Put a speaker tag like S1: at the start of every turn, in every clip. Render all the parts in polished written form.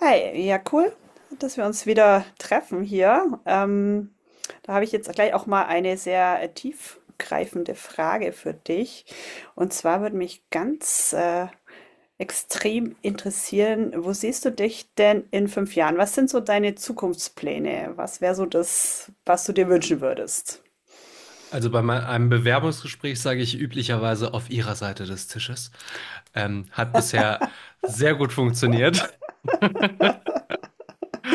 S1: Hi, ja, cool, dass wir uns wieder treffen hier. Da habe ich jetzt gleich auch mal eine sehr tiefgreifende Frage für dich. Und zwar würde mich ganz extrem interessieren, wo siehst du dich denn in fünf Jahren? Was sind so deine Zukunftspläne? Was wäre so das, was du dir wünschen würdest?
S2: Also bei einem Bewerbungsgespräch sage ich üblicherweise auf Ihrer Seite des Tisches. Hat bisher sehr gut funktioniert.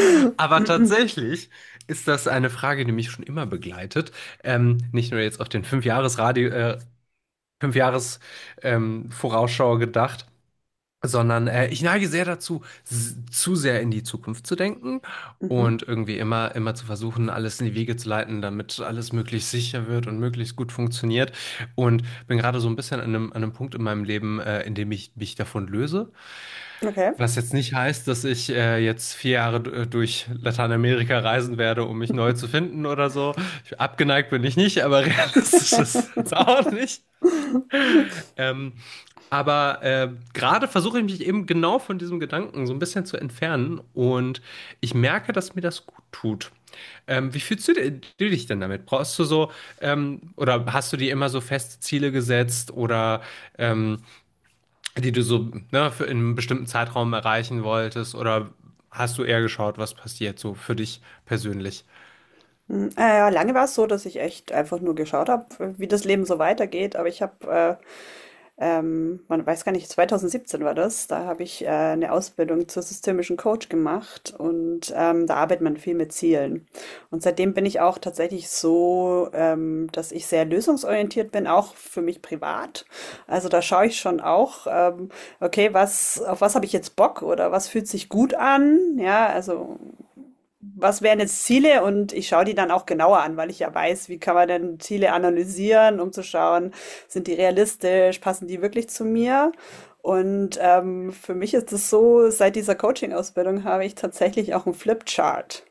S2: Aber tatsächlich ist das eine Frage, die mich schon immer begleitet. Nicht nur jetzt auf den Fünfjahresradio, Fünfjahres, Vorausschau gedacht, sondern ich neige sehr dazu, zu sehr in die Zukunft zu denken
S1: Mhm.
S2: und irgendwie immer zu versuchen, alles in die Wege zu leiten, damit alles möglichst sicher wird und möglichst gut funktioniert. Und bin gerade so ein bisschen an einem Punkt in meinem Leben, in dem ich mich davon löse.
S1: Okay.
S2: Was jetzt nicht heißt, dass ich jetzt 4 Jahre durch Lateinamerika reisen werde, um mich neu zu finden oder so. Ich, abgeneigt bin ich nicht, aber realistisch ist es auch nicht. Ähm, aber gerade versuche ich mich eben genau von diesem Gedanken so ein bisschen zu entfernen und ich merke, dass mir das gut tut. Wie fühlst du, du dich denn damit? Brauchst du so, oder hast du dir immer so feste Ziele gesetzt oder ähm, die du so, ne, für in einem bestimmten Zeitraum erreichen wolltest oder hast du eher geschaut, was passiert so für dich persönlich?
S1: Ja, lange war es so, dass ich echt einfach nur geschaut habe, wie das Leben so weitergeht. Aber ich habe man weiß gar nicht, 2017 war das. Da habe ich eine Ausbildung zur systemischen Coach gemacht und da arbeitet man viel mit Zielen. Und seitdem bin ich auch tatsächlich so, dass ich sehr lösungsorientiert bin, auch für mich privat. Also da schaue ich schon auch, okay, auf was habe ich jetzt Bock oder was fühlt sich gut an? Ja, also was wären jetzt Ziele? Und ich schaue die dann auch genauer an, weil ich ja weiß, wie kann man denn Ziele analysieren, um zu schauen, sind die realistisch, passen die wirklich zu mir? Und für mich ist es so, seit dieser Coaching-Ausbildung habe ich tatsächlich auch einen Flipchart.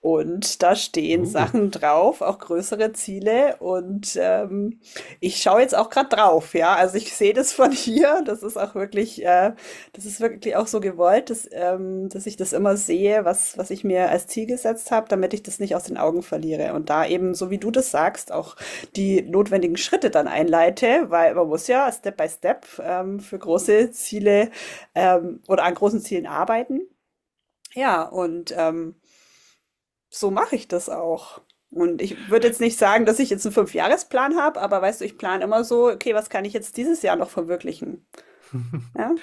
S1: Und da stehen
S2: Uh.
S1: Sachen drauf, auch größere Ziele. Und ich schaue jetzt auch gerade drauf, ja. Also ich sehe das von hier. Das ist auch wirklich, das ist wirklich auch so gewollt, dass ich das immer sehe, was ich mir als Ziel gesetzt habe, damit ich das nicht aus den Augen verliere. Und da eben, so wie du das sagst, auch die notwendigen Schritte dann einleite, weil man muss ja Step by Step für große Ziele oder an großen Zielen arbeiten. Ja, und ähm, so mache ich das auch. Und ich würde jetzt nicht sagen, dass ich jetzt einen Fünfjahresplan habe, aber weißt du, ich plane immer so, okay, was kann ich jetzt dieses Jahr noch verwirklichen? Ja,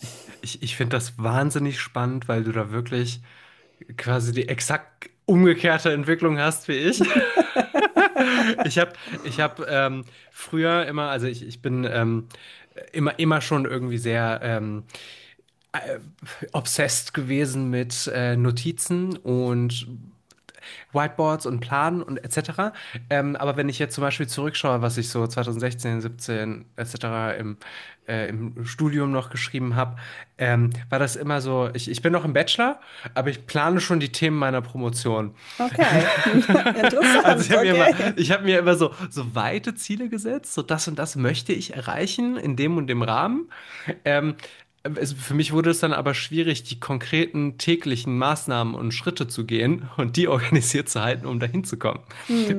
S2: Ich finde das wahnsinnig spannend, weil du da wirklich quasi die exakt umgekehrte Entwicklung hast wie ich. Ich habe ich hab, früher immer, also ich bin immer schon irgendwie sehr obsessed gewesen mit Notizen und Whiteboards und Planen und etc. Aber wenn ich jetzt zum Beispiel zurückschaue, was ich so 2016, 17 etc. im, im Studium noch geschrieben habe, war das immer so, ich bin noch im Bachelor, aber ich plane schon die Themen meiner Promotion.
S1: okay.
S2: Also
S1: Interessant, okay.
S2: ich habe mir immer so weite Ziele gesetzt, so das und das möchte ich erreichen in dem und dem Rahmen. Ähm, für mich wurde es dann aber schwierig, die konkreten täglichen Maßnahmen und Schritte zu gehen und die organisiert zu halten, um dahin zu kommen.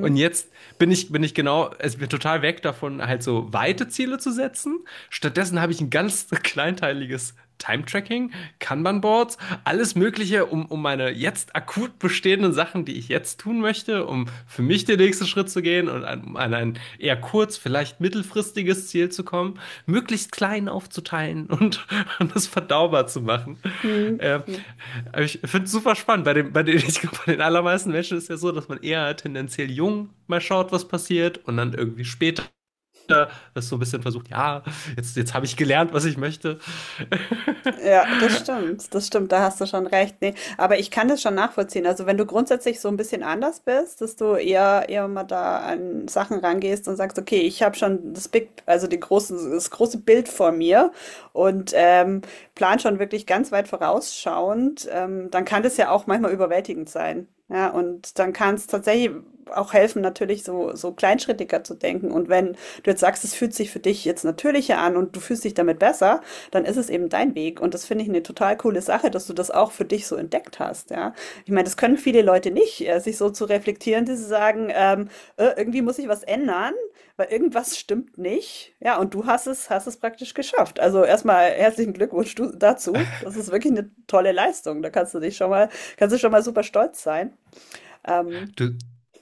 S2: Und jetzt bin ich genau, es bin total weg davon, halt so weite Ziele zu setzen. Stattdessen habe ich ein ganz kleinteiliges Time-Tracking, Kanban-Boards, alles Mögliche, um meine jetzt akut bestehenden Sachen, die ich jetzt tun möchte, um für mich den nächsten Schritt zu gehen und um an ein eher kurz, vielleicht mittelfristiges Ziel zu kommen, möglichst klein aufzuteilen und das verdaubar zu machen.
S1: Hm.
S2: Äh,
S1: Hm.
S2: ich finde es super spannend. Bei, dem, bei, den, ich glaub, bei den allermeisten Menschen ist ja so, dass man eher tendenziell jung mal schaut, was passiert und dann irgendwie später das so ein bisschen versucht, ja, jetzt habe ich gelernt, was ich möchte.
S1: Ja, das stimmt, da hast du schon recht. Nee, aber ich kann das schon nachvollziehen. Also wenn du grundsätzlich so ein bisschen anders bist, dass du eher mal da an Sachen rangehst und sagst, okay, ich habe schon das Big, also die großen, das große Bild vor mir und plan schon wirklich ganz weit vorausschauend, dann kann das ja auch manchmal überwältigend sein. Ja, und dann kann es tatsächlich auch helfen, natürlich so, so kleinschrittiger zu denken. Und wenn du jetzt sagst, es fühlt sich für dich jetzt natürlicher an und du fühlst dich damit besser, dann ist es eben dein Weg. Und das finde ich eine total coole Sache, dass du das auch für dich so entdeckt hast. Ja? Ich meine, das können viele Leute nicht, sich so zu reflektieren, dass sie sagen, irgendwie muss ich was ändern, weil irgendwas stimmt nicht. Ja, und du hast es praktisch geschafft. Also erstmal herzlichen Glückwunsch du, dazu. Das ist wirklich eine tolle Leistung. Da kannst du dich schon mal, kannst du schon mal super stolz sein. Ähm,
S2: Du,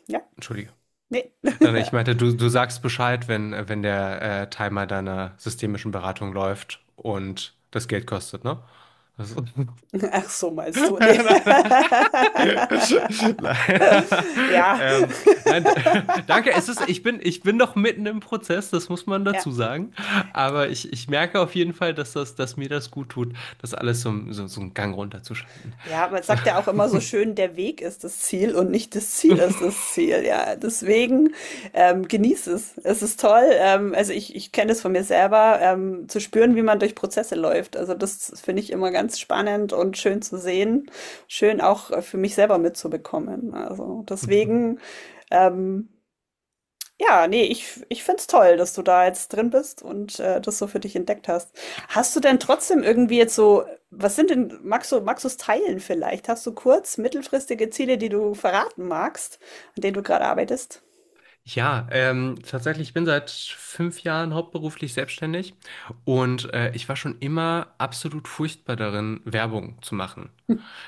S1: ja,
S2: entschuldige.
S1: nee.
S2: Nein, nein, ich meinte, du sagst Bescheid, wenn der Timer deiner systemischen Beratung läuft und das Geld kostet, ne? Das nein,
S1: Ach so, meinst
S2: nein,
S1: du? Nee.
S2: nein. Nein,
S1: Ja.
S2: ähm, nein, danke. Es ist, ich bin noch mitten im Prozess, das muss man
S1: Ja.
S2: dazu sagen. Aber ich merke auf jeden Fall, dass dass mir das gut tut, das alles so einen Gang runterzuschalten.
S1: Ja, man
S2: Also,
S1: sagt ja auch immer so schön, der Weg ist das Ziel und nicht das Ziel ist das Ziel. Ja, deswegen genieß es. Es ist toll. Ich kenne das von mir selber, zu spüren, wie man durch Prozesse läuft. Also das finde ich immer ganz spannend und schön zu sehen, schön auch für mich selber mitzubekommen. Also deswegen ähm, ja, nee, ich find's toll, dass du da jetzt drin bist und, das so für dich entdeckt hast. Hast du denn trotzdem irgendwie jetzt so was sind denn magst du's teilen vielleicht? Hast du kurz mittelfristige Ziele, die du verraten magst, an denen du gerade arbeitest?
S2: ja, tatsächlich, ich bin seit 5 Jahren hauptberuflich selbstständig und ich war schon immer absolut furchtbar darin, Werbung zu machen.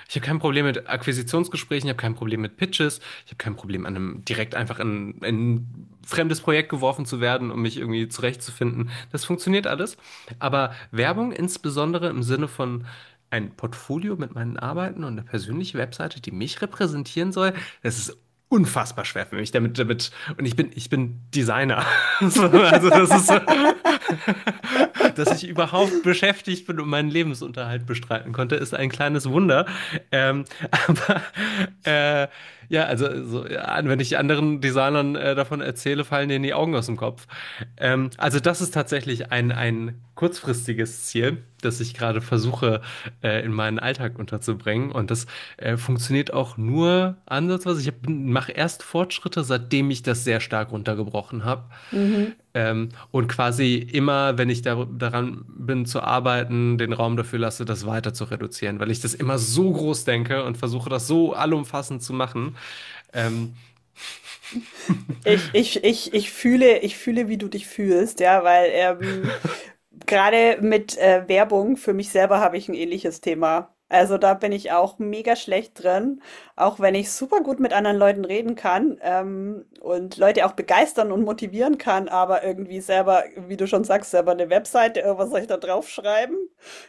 S2: Ich habe kein Problem mit Akquisitionsgesprächen, ich habe kein Problem mit Pitches, ich habe kein Problem, an einem direkt einfach in ein fremdes Projekt geworfen zu werden, um mich irgendwie zurechtzufinden. Das funktioniert alles. Aber Werbung insbesondere im Sinne von ein Portfolio mit meinen Arbeiten und eine persönliche Webseite, die mich repräsentieren soll, das ist unfassbar schwer für mich und ich bin Designer. So, also dass ich überhaupt beschäftigt bin und meinen Lebensunterhalt bestreiten konnte, ist ein kleines Wunder. Ähm, aber äh, ja, also so, ja, wenn ich anderen Designern davon erzähle, fallen denen die Augen aus dem Kopf. Also das ist tatsächlich ein kurzfristiges Ziel, das ich gerade versuche, in meinen Alltag unterzubringen. Und das funktioniert auch nur ansatzweise. Ich mache erst Fortschritte, seitdem ich das sehr stark runtergebrochen habe.
S1: Mhm.
S2: Und quasi immer, wenn ich daran bin zu arbeiten, den Raum dafür lasse, das weiter zu reduzieren, weil ich das immer so groß denke und versuche, das so allumfassend zu machen. Ähm,
S1: Ich fühle, wie du dich fühlst, ja, gerade mit Werbung, für mich selber habe ich ein ähnliches Thema. Also da bin ich auch mega schlecht drin, auch wenn ich super gut mit anderen Leuten reden kann und Leute auch begeistern und motivieren kann, aber irgendwie selber, wie du schon sagst, selber eine Webseite, was soll ich da draufschreiben?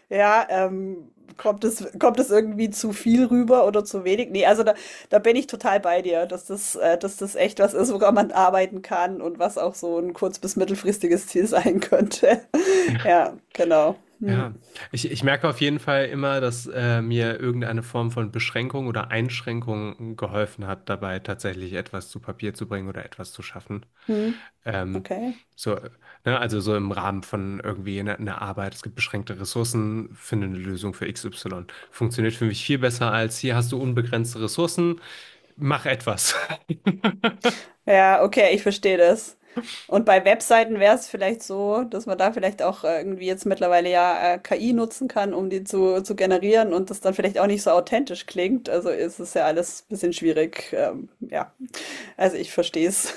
S1: Ja, ähm, kommt es irgendwie zu viel rüber oder zu wenig? Nee, also da, da bin ich total bei dir, dass das echt was ist, woran man arbeiten kann und was auch so ein kurz- bis mittelfristiges Ziel sein könnte. Ja, genau.
S2: ja, ich merke auf jeden Fall immer, dass mir irgendeine Form von Beschränkung oder Einschränkung geholfen hat, dabei tatsächlich etwas zu Papier zu bringen oder etwas zu schaffen.
S1: Hm,
S2: Ähm,
S1: okay.
S2: so, ne, also so im Rahmen von irgendwie einer Arbeit, es gibt beschränkte Ressourcen, finde eine Lösung für XY. Funktioniert für mich viel besser als hier hast du unbegrenzte Ressourcen, mach etwas.
S1: Ja, okay, ich verstehe das. Und bei Webseiten wäre es vielleicht so, dass man da vielleicht auch irgendwie jetzt mittlerweile ja KI nutzen kann, um zu generieren und das dann vielleicht auch nicht so authentisch klingt. Also ist es ja alles ein bisschen schwierig. Ja, also ich verstehe es.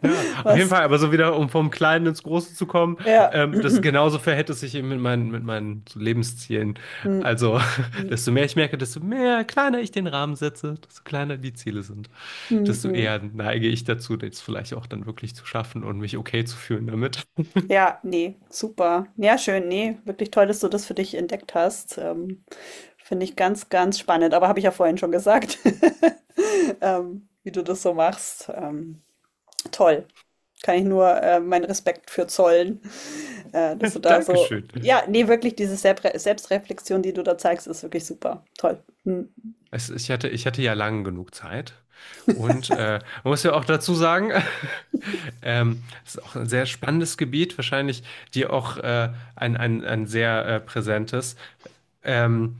S2: Ja, auf jeden
S1: Was?
S2: Fall, aber so wieder, um vom Kleinen ins Große zu kommen,
S1: Ja.
S2: das genauso verhält es sich eben mit meinen so Lebenszielen.
S1: Hm,
S2: Also,
S1: hm,
S2: desto mehr ich merke, desto mehr kleiner ich den Rahmen setze, desto kleiner die Ziele sind, desto
S1: hm.
S2: eher neige ich dazu, das vielleicht auch dann wirklich zu schaffen und mich okay zu fühlen damit.
S1: Ja, nee, super. Ja, schön. Nee, wirklich toll, dass du das für dich entdeckt hast. Finde ich ganz, ganz spannend, aber habe ich ja vorhin schon gesagt, wie du das so machst. Toll. Kann ich nur meinen Respekt für zollen, dass du da so,
S2: Dankeschön.
S1: ja, nee, wirklich diese Selbstreflexion, die du da zeigst, ist wirklich super. Toll. Hm.
S2: Ich hatte ja lang genug Zeit. Und man muss ja auch dazu sagen, es ist auch ein sehr spannendes Gebiet, wahrscheinlich dir auch ein sehr präsentes. Ähm,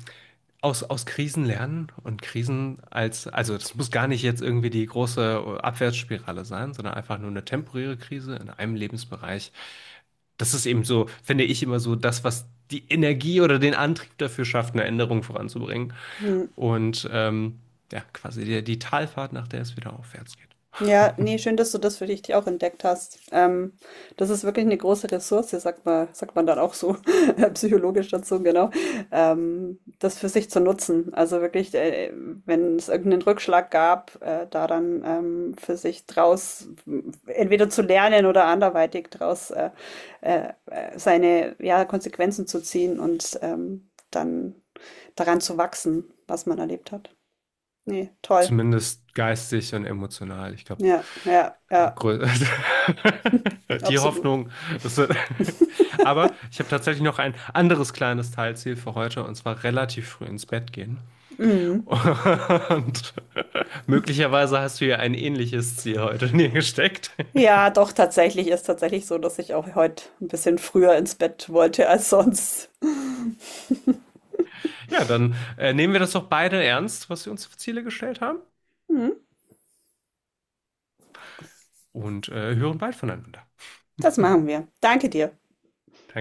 S2: aus Krisen lernen und Krisen als, also das muss gar nicht jetzt irgendwie die große Abwärtsspirale sein, sondern einfach nur eine temporäre Krise in einem Lebensbereich. Das ist eben so, finde ich immer so das, was die Energie oder den Antrieb dafür schafft, eine Änderung voranzubringen.
S1: Hm.
S2: Und ja, quasi die Talfahrt, nach der es wieder aufwärts geht.
S1: Ja, nee, schön, dass du das für dich auch entdeckt hast. Das ist wirklich eine große Ressource, sagt man dann auch so, psychologisch dazu, genau, das für sich zu nutzen. Also wirklich, wenn es irgendeinen Rückschlag gab, da dann für sich entweder zu lernen oder anderweitig draus seine ja, Konsequenzen zu ziehen und dann daran zu wachsen, was man erlebt hat. Nee, toll.
S2: Zumindest geistig und emotional. Ich glaube,
S1: Ja,
S2: grö- die
S1: absolut.
S2: Hoffnung. Ist, aber ich habe tatsächlich noch ein anderes kleines Teilziel für heute, und zwar relativ früh ins Bett gehen.
S1: Mhm.
S2: Und möglicherweise hast du ja ein ähnliches Ziel heute in dir gesteckt.
S1: Ja, doch, tatsächlich ist tatsächlich so, dass ich auch heute ein bisschen früher ins Bett wollte als sonst.
S2: Ja, dann nehmen wir das doch beide ernst, was wir uns für Ziele gestellt haben,
S1: Mhm,
S2: und hören bald voneinander.
S1: das machen wir. Danke dir.
S2: Danke.